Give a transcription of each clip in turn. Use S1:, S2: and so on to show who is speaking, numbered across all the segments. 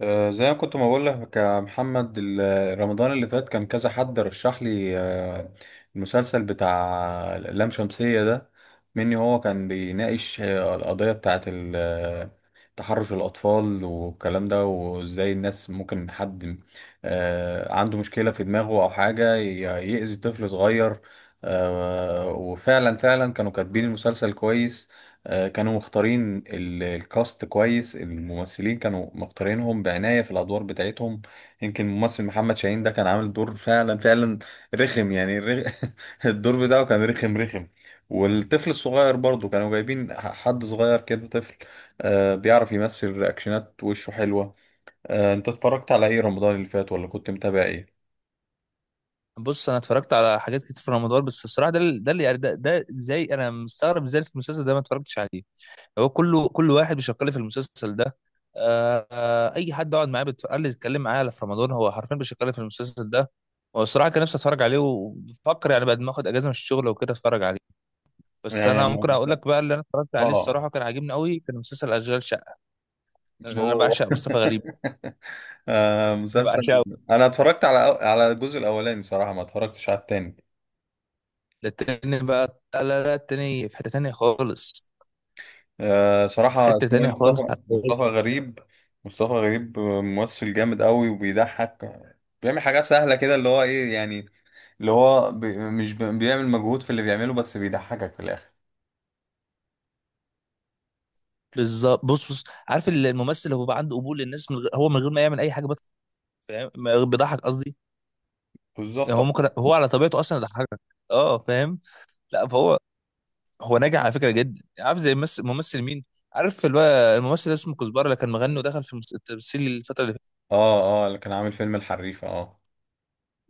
S1: زي ما كنت ما بقول لك يا محمد، رمضان اللي فات كان كذا حد رشح لي المسلسل بتاع اللام شمسية ده مني. هو كان بيناقش القضية بتاعة تحرش الأطفال والكلام ده، وإزاي الناس ممكن حد عنده مشكلة في دماغه أو حاجة يأذي طفل صغير. وفعلا فعلا كانوا كاتبين المسلسل كويس. كانوا مختارين الكاست كويس، الممثلين كانوا مختارينهم بعناية في الأدوار بتاعتهم. يمكن الممثل محمد شاهين ده كان عامل دور فعلا فعلا رخم. يعني الدور بتاعه كان رخم رخم. والطفل الصغير برضه كانوا جايبين حد صغير كده، طفل بيعرف يمثل، رياكشنات وشه حلوة. انت اتفرجت على ايه رمضان اللي فات، ولا كنت متابع ايه؟
S2: بص انا اتفرجت على حاجات كتير في رمضان. بس الصراحه ده ده زي انا مستغرب ازاي في المسلسل ده ما اتفرجتش عليه. هو كله كل واحد بيشكل في المسلسل ده. اي حد اقعد معاه بتقل لي اتكلم معاه على في رمضان هو حرفيا بيشكل في المسلسل ده. والصراحه كان نفسي اتفرج عليه وبفكر يعني بعد ما اخد اجازه من الشغل وكده اتفرج عليه. بس
S1: يعني
S2: انا ممكن اقول لك بقى اللي انا اتفرجت عليه
S1: اه،
S2: الصراحه كان عاجبني قوي، كان مسلسل اشغال شقه. لأن انا
S1: هو.
S2: بعشق مصطفى غريب، انا
S1: مسلسل.
S2: بعشقه.
S1: انا اتفرجت على الجزء الاولاني، صراحه ما اتفرجتش على التاني.
S2: ده التاني بقى، لا لا لا، التاني في حته تانيه خالص، في
S1: صراحه
S2: حته
S1: اسمه ايه؟
S2: تانيه خالص.
S1: مصطفى غريب. مصطفى غريب ممثل جامد قوي وبيضحك، بيعمل حاجات سهله كده، اللي هو ايه يعني، اللي هو مش بيعمل مجهود في اللي بيعمله، بس بيضحكك في الاخر.
S2: بالظبط. بص عارف الممثل اللي هو بقى عنده قبول للناس من غير هو من غير ما يعمل اي حاجه فاهم؟ بيضحك قصدي. يعني
S1: بالظبط،
S2: هو
S1: اه.
S2: ممكن هو على طبيعته اصلا يضحكك. اه فاهم. لا فهو هو ناجح على فكره جدا، عارف زي ممثل مين؟ عارف اللي هو الممثل اللي اسمه كزبره اللي كان مغني ودخل في التمثيل الفتره اللي فاتت.
S1: اه، اللي كان عامل فيلم الحريفه، اه.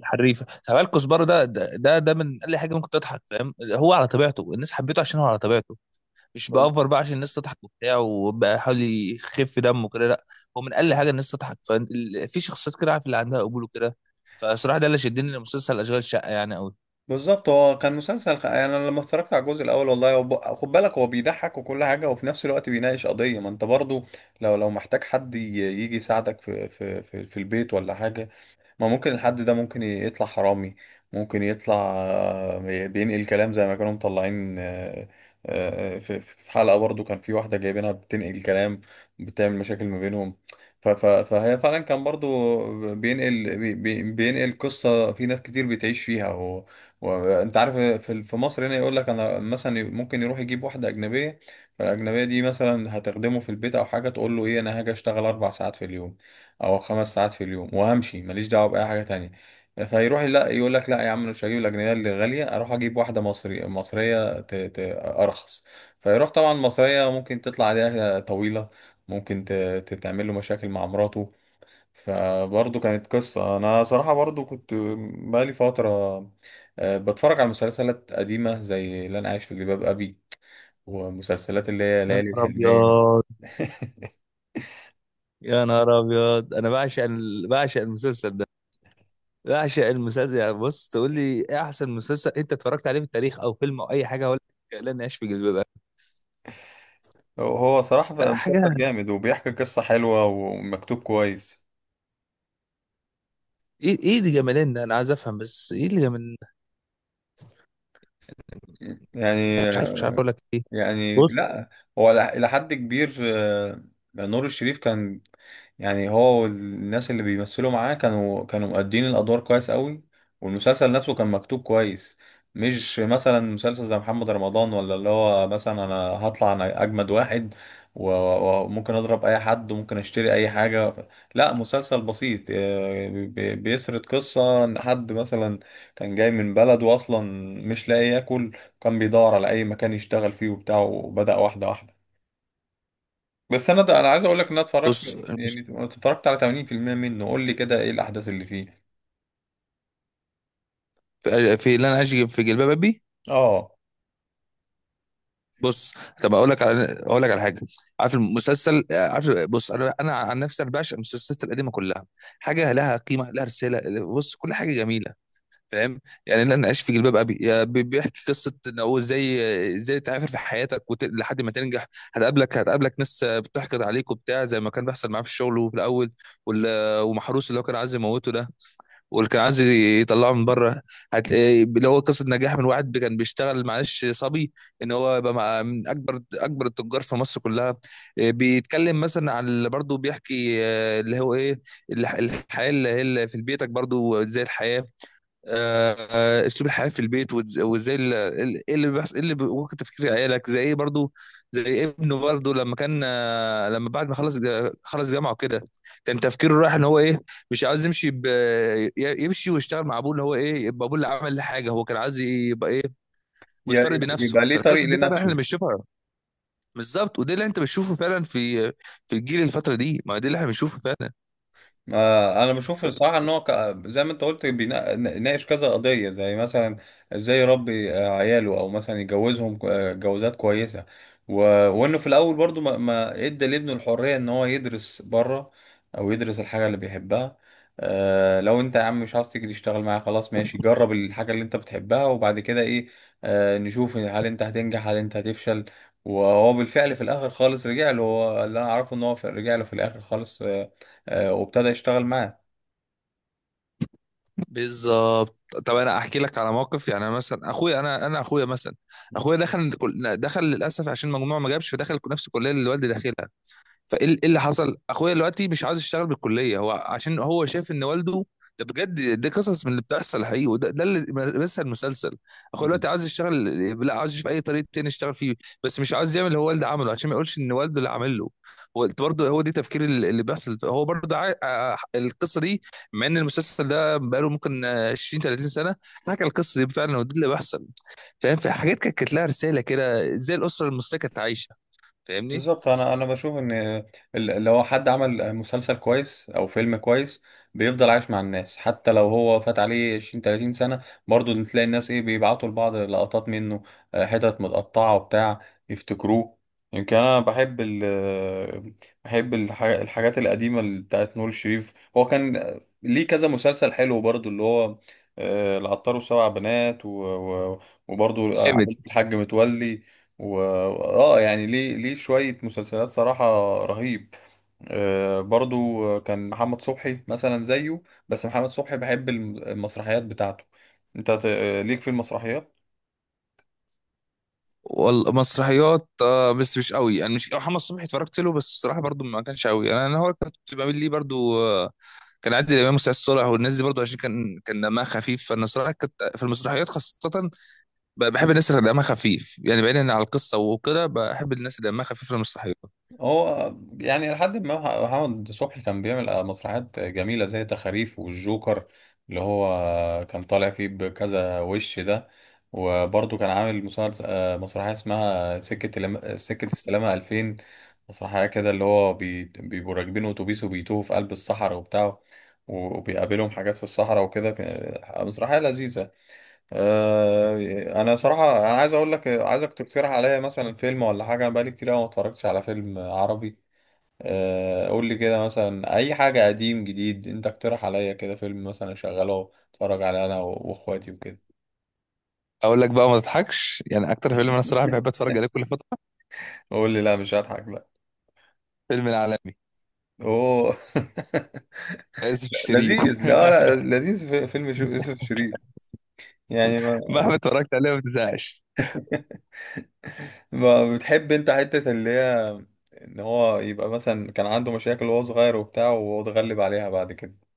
S2: الحريفه، تعال كزبره، ده من اقل حاجه ممكن تضحك، فاهم؟ هو على طبيعته الناس حبيته عشان هو على طبيعته. مش بأفر بقى عشان الناس تضحك وبتاع وبقى حاول يخف دمه كده، لا. هو من اقل حاجه الناس تضحك. ففي شخصيات كده عارف اللي عندها قبول وكده. فصراحه ده اللي شدني لمسلسل اشغال شقه يعني قوي.
S1: بالظبط، هو كان مسلسل يعني انا لما اتفرجت على الجزء الاول، والله هو خد بالك، هو بيضحك وكل حاجه، وفي نفس الوقت بيناقش قضيه، ما انت برضو لو محتاج حد يجي يساعدك في البيت ولا حاجه، ما ممكن الحد ده ممكن يطلع حرامي، ممكن يطلع بينقل كلام زي ما كانوا مطلعين. في حلقة برضو كان في واحدة جايبينها بتنقل كلام، بتعمل مشاكل ما بينهم. فهي فعلا كان برضو بينقل بينقل قصة في ناس كتير بتعيش فيها، وانت عارف في مصر هنا، يقول لك انا مثلا ممكن يروح يجيب واحدة أجنبية، فالأجنبية دي مثلا هتخدمه في البيت أو حاجة، تقول له إيه، أنا هاجي أشتغل أربع ساعات في اليوم او خمس ساعات في اليوم، وامشي ماليش دعوه باي حاجه تانية. فيروح لا يقول لك لا يا عم، أنا مش هجيب الاجنبيه اللي غاليه، اروح اجيب واحده مصري، مصريه ارخص. فيروح طبعا مصريه ممكن تطلع عليها طويله، ممكن تتعمل له مشاكل مع مراته. فبرضه كانت قصه. انا صراحه برضه كنت بقالي فتره بتفرج على مسلسلات قديمه، زي اللي انا عايش في جلباب ابي، ومسلسلات اللي هي
S2: يا
S1: ليالي
S2: نهار
S1: الحلميه.
S2: ابيض، يا نهار ابيض، انا بعشق ال... بعشق المسلسل ده، بعشق المسلسل. يعني بص تقول لي ايه احسن مسلسل انت اتفرجت عليه في التاريخ او فيلم او اي حاجه ولا؟ لا نعيش في جلباب ابي.
S1: هو صراحة
S2: ده
S1: مسلسل
S2: حاجه.
S1: جامد، وبيحكي قصة حلوة ومكتوب كويس.
S2: ايه ايه اللي جمالين ده انا عايز افهم، بس ايه اللي جمال؟
S1: يعني.
S2: مش عارف، مش عارف اقول لك ايه. بص
S1: لا. هو إلى حد كبير، نور الشريف كان، يعني هو والناس اللي بيمثلوا معاه كانوا مؤدين الأدوار كويس قوي، والمسلسل نفسه كان مكتوب كويس. مش مثلا مسلسل زي محمد رمضان، ولا اللي هو مثلا أنا هطلع أنا أجمد واحد، وممكن أضرب أي حد، وممكن أشتري أي حاجة. لا، مسلسل بسيط بيسرد قصة إن حد مثلا كان جاي من بلده أصلا، مش لاقي ياكل. كان بيدور على اي مكان يشتغل فيه وبتاع، وبدأ واحده واحده. بس انا ده انا عايز اقول لك ان انا اتفرجت،
S2: بص.
S1: يعني اتفرجت على 80% منه، قول لي كده ايه الاحداث اللي فيه.
S2: في اللي انا اجي في جلباب ابي.
S1: اه.
S2: بص، طب اقول لك على حاجه. عارف المسلسل، عارف، بص انا عن نفسي انا بعشق المسلسلات القديمه كلها. حاجه لها قيمه، لها رساله، بص كل حاجه جميله. فاهم؟ يعني اللي انا عايش في جلباب ابي، بيحكي قصه ان هو ازاي ازاي تعافر في حياتك وت... لحد ما تنجح. هتقابلك ناس بتحقد عليك وبتاع زي ما كان بيحصل معاه في الشغل وفي الاول. وال... ومحروس اللي هو كان عايز يموته ده، واللي كان عايز يطلعه من بره. هت... اللي هو قصه نجاح من واحد كان بيشتغل معلش صبي، ان هو يبقى مع من اكبر التجار في مصر كلها. آه، بيتكلم مثلا عن اللي برضه بيحكي آه، اللي هو ايه، الحياه اللي هي اللي في بيتك برضه زي الحياه. آه، آه، اسلوب الحياه في البيت وازاي ايه اللي بيحصل ايه اللي ممكن تفكير عيالك زي ايه برضو. زي ابنه برضو لما كان آه، لما بعد ما خلص خلص جامعه وكده، كان تفكيره رايح ان هو ايه، مش عاوز يمشي يمشي ويشتغل مع ابوه. اللي هو ايه، يبقى ابوه اللي عمل له حاجه، هو كان عايز يبقى ايه،
S1: يا-
S2: متفرد بنفسه.
S1: يبقى ليه طريق
S2: فالقصص دي فعلا احنا
S1: لنفسه.
S2: اللي بنشوفها. بالظبط، وده اللي انت بتشوفه فعلا في في الجيل الفتره دي، ما ده اللي احنا بنشوفه فعلا.
S1: انا بشوف الصراحه، ان هو زي ما انت قلت بيناقش كذا قضيه، زي مثلا ازاي يربي عياله، او مثلا يجوزهم جوازات كويسه. و... وانه في الاول برضو ما ادى لابنه الحريه ان هو يدرس بره، او يدرس الحاجه اللي بيحبها. لو انت يا عم مش عايز تيجي تشتغل معايا، خلاص ماشي، جرب الحاجه اللي انت بتحبها، وبعد كده ايه؟ نشوف هل انت هتنجح هل انت هتفشل. وهو بالفعل في الاخر خالص رجع له، هو اللي انا اعرفه ان هو رجع له في الاخر خالص. وابتدى يشتغل معاه.
S2: بالظبط. طب انا احكي لك على موقف، يعني أنا مثلا اخويا، انا اخويا مثلا، اخويا دخل دخل للاسف عشان مجموعه ما جابش، فدخل نفس الكليه اللي والدي داخلها. إيه اللي حصل، اخويا دلوقتي مش عاوز يشتغل بالكليه هو عشان هو شايف ان والده، ده بجد، دي قصص من اللي بتحصل حقيقي، وده اللي، بس المسلسل، اخويا
S1: مم.
S2: دلوقتي عاوز يشتغل، لا عاوز يشوف اي طريق تاني يشتغل فيه، بس مش عاوز يعمل اللي هو والده عمله عشان ما يقولش ان والده اللي عمل له. هو برضه، هو دي تفكير اللي بيحصل، هو برضه عا... آه، القصه دي، مع ان المسلسل ده بقاله ممكن 20 30 سنه، حكى القصه دي فعلا، ودي اللي بيحصل. فاهم؟ في حاجات كانت كانت لها رساله كده، زي الاسره المصريه كانت عايشه. فاهمني؟
S1: بالظبط. انا بشوف ان لو حد عمل مسلسل كويس او فيلم كويس، بيفضل عايش مع الناس، حتى لو هو فات عليه 20 30 سنه، برضو تلاقي الناس ايه، بيبعتوا لبعض لقطات منه حتت متقطعه وبتاع، يفتكروه. يمكن انا بحب الحاجات القديمه، اللي بتاعت نور الشريف. هو كان ليه كذا مسلسل حلو برضو، اللي هو العطار وسبع بنات، وبرضو اه عائلة الحاج متولي، و اه يعني ليه شوية مسلسلات صراحة رهيب. برضو كان محمد صبحي مثلا زيه، بس محمد صبحي بحب المسرحيات بتاعته. انت ليك في المسرحيات؟
S2: والله مسرحيات آه، بس مش قوي يعني. مش محمد صبحي اتفرجت له، بس الصراحه برضو ما كانش قوي. انا انا هو كنت بعمل ليه برضو آه كان عادل امام وسعاد صالح والناس دي، برضو عشان كان دمها خفيف. فانا الصراحه كنت في المسرحيات خاصه بحب الناس اللي دمها خفيف. يعني بعيدا عن القصه وكده، بحب الناس اللي دمها خفيف في المسرحيات.
S1: هو يعني لحد ما محمد صبحي كان بيعمل مسرحيات جميلة زي تخاريف والجوكر، اللي هو كان طالع فيه بكذا وش ده. وبرضه كان عامل مسلسل، مسرحية اسمها سكة السلامة 2000، مسرحية كده اللي هو بيبقوا راكبين أتوبيس وبيتوهوا في قلب الصحراء وبتاع، وبيقابلهم حاجات في الصحراء وكده، مسرحية لذيذة. انا صراحه انا عايز اقول لك، عايزك تقترح عليا مثلا فيلم ولا حاجه، انا بقالي كتير أوي ما اتفرجتش على فيلم عربي. قول لي كده مثلا اي حاجه قديم جديد، انت اقترح عليا كده فيلم مثلا اشغله اتفرج عليه انا واخواتي وكده.
S2: اقول لك بقى ما تضحكش، يعني اكتر فيلم انا الصراحه بحب اتفرج عليه كل فتره،
S1: قول لي، لا مش هضحك، لا.
S2: فيلم العالمي،
S1: اوه.
S2: يوسف الشريف
S1: لذيذ، لا لا، لذيذ. في فيلم يوسف شيرين يعني. ما,
S2: مهما اتفرجت عليه ما بتزهقش.
S1: ما بتحب انت حته اللي هي ان هو يبقى مثلا كان عنده مشاكل وهو صغير وبتاع، وهو اتغلب عليها بعد كده.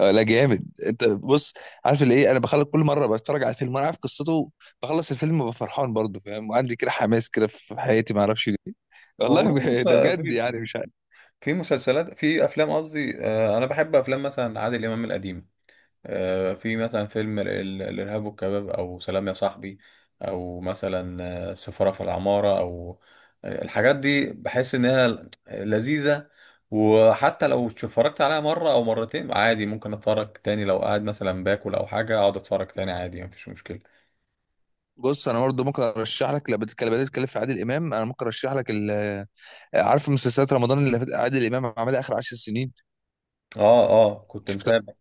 S2: آه، لا جامد انت، بص، عارف اللي ايه، انا بخلص كل مره بتفرج على الفيلم وانا عارف قصته، بخلص الفيلم ببقى فرحان برضه، فاهم؟ وعندي كده حماس كده في حياتي، ما اعرفش ليه. والله
S1: والله بص،
S2: ده بجد،
S1: في
S2: يعني مش عارف.
S1: في مسلسلات، في افلام قصدي، انا بحب افلام مثلا عادل امام القديم. في مثلا فيلم الارهاب والكباب، او سلام يا صاحبي، او مثلا سفارة في العمارة، او الحاجات دي بحس انها لذيذة. وحتى لو اتفرجت عليها مرة او مرتين عادي، ممكن اتفرج تاني، لو قاعد مثلا باكل او حاجة اقعد اتفرج تاني عادي، مفيش مشكلة.
S2: بص انا برضه ممكن ارشح لك، لو بدأت تتكلم في عادل امام، انا ممكن ارشح لك ال-، عارف مسلسلات رمضان اللي فاتت عادل امام عملها اخر 10 سنين،
S1: اه اه، كنت
S2: شفتها؟
S1: متابع.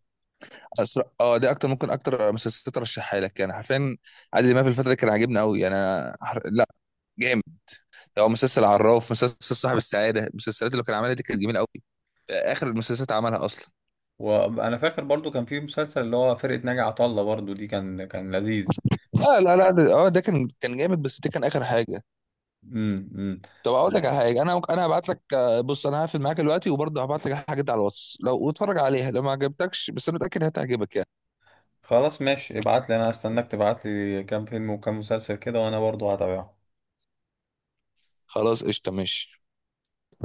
S2: اه دي اكتر، ممكن اكتر مسلسلات ارشحها لك يعني حرفيا. عادل امام في الفتره دي كان عاجبني قوي يعني. لا جامد. هو مسلسل عراف، مسلسل صاحب السعاده، المسلسلات اللي كان عملها دي كانت جميله قوي، اخر المسلسلات عملها اصلا.
S1: وانا فاكر برضو كان في مسلسل اللي هو فرقة ناجي عطا الله، برضو دي كان لذيذ.
S2: لا لا لا اه ده كان كان جامد، بس ده كان اخر حاجه.
S1: امم.
S2: طب اقول لك على حاجه انا ممكن، هبعت لك آه، بص انا هقفل معاك دلوقتي وبرضه هبعت لك حاجات على الواتس لو اتفرج عليها، لو ما عجبتكش بس انا متاكد هتعجبك يعني.
S1: خلاص ماشي، ابعت لي، انا هستناك تبعت لي كام فيلم وكام مسلسل كده، وانا برضو هتابعهم.
S2: خلاص قشطه ماشي.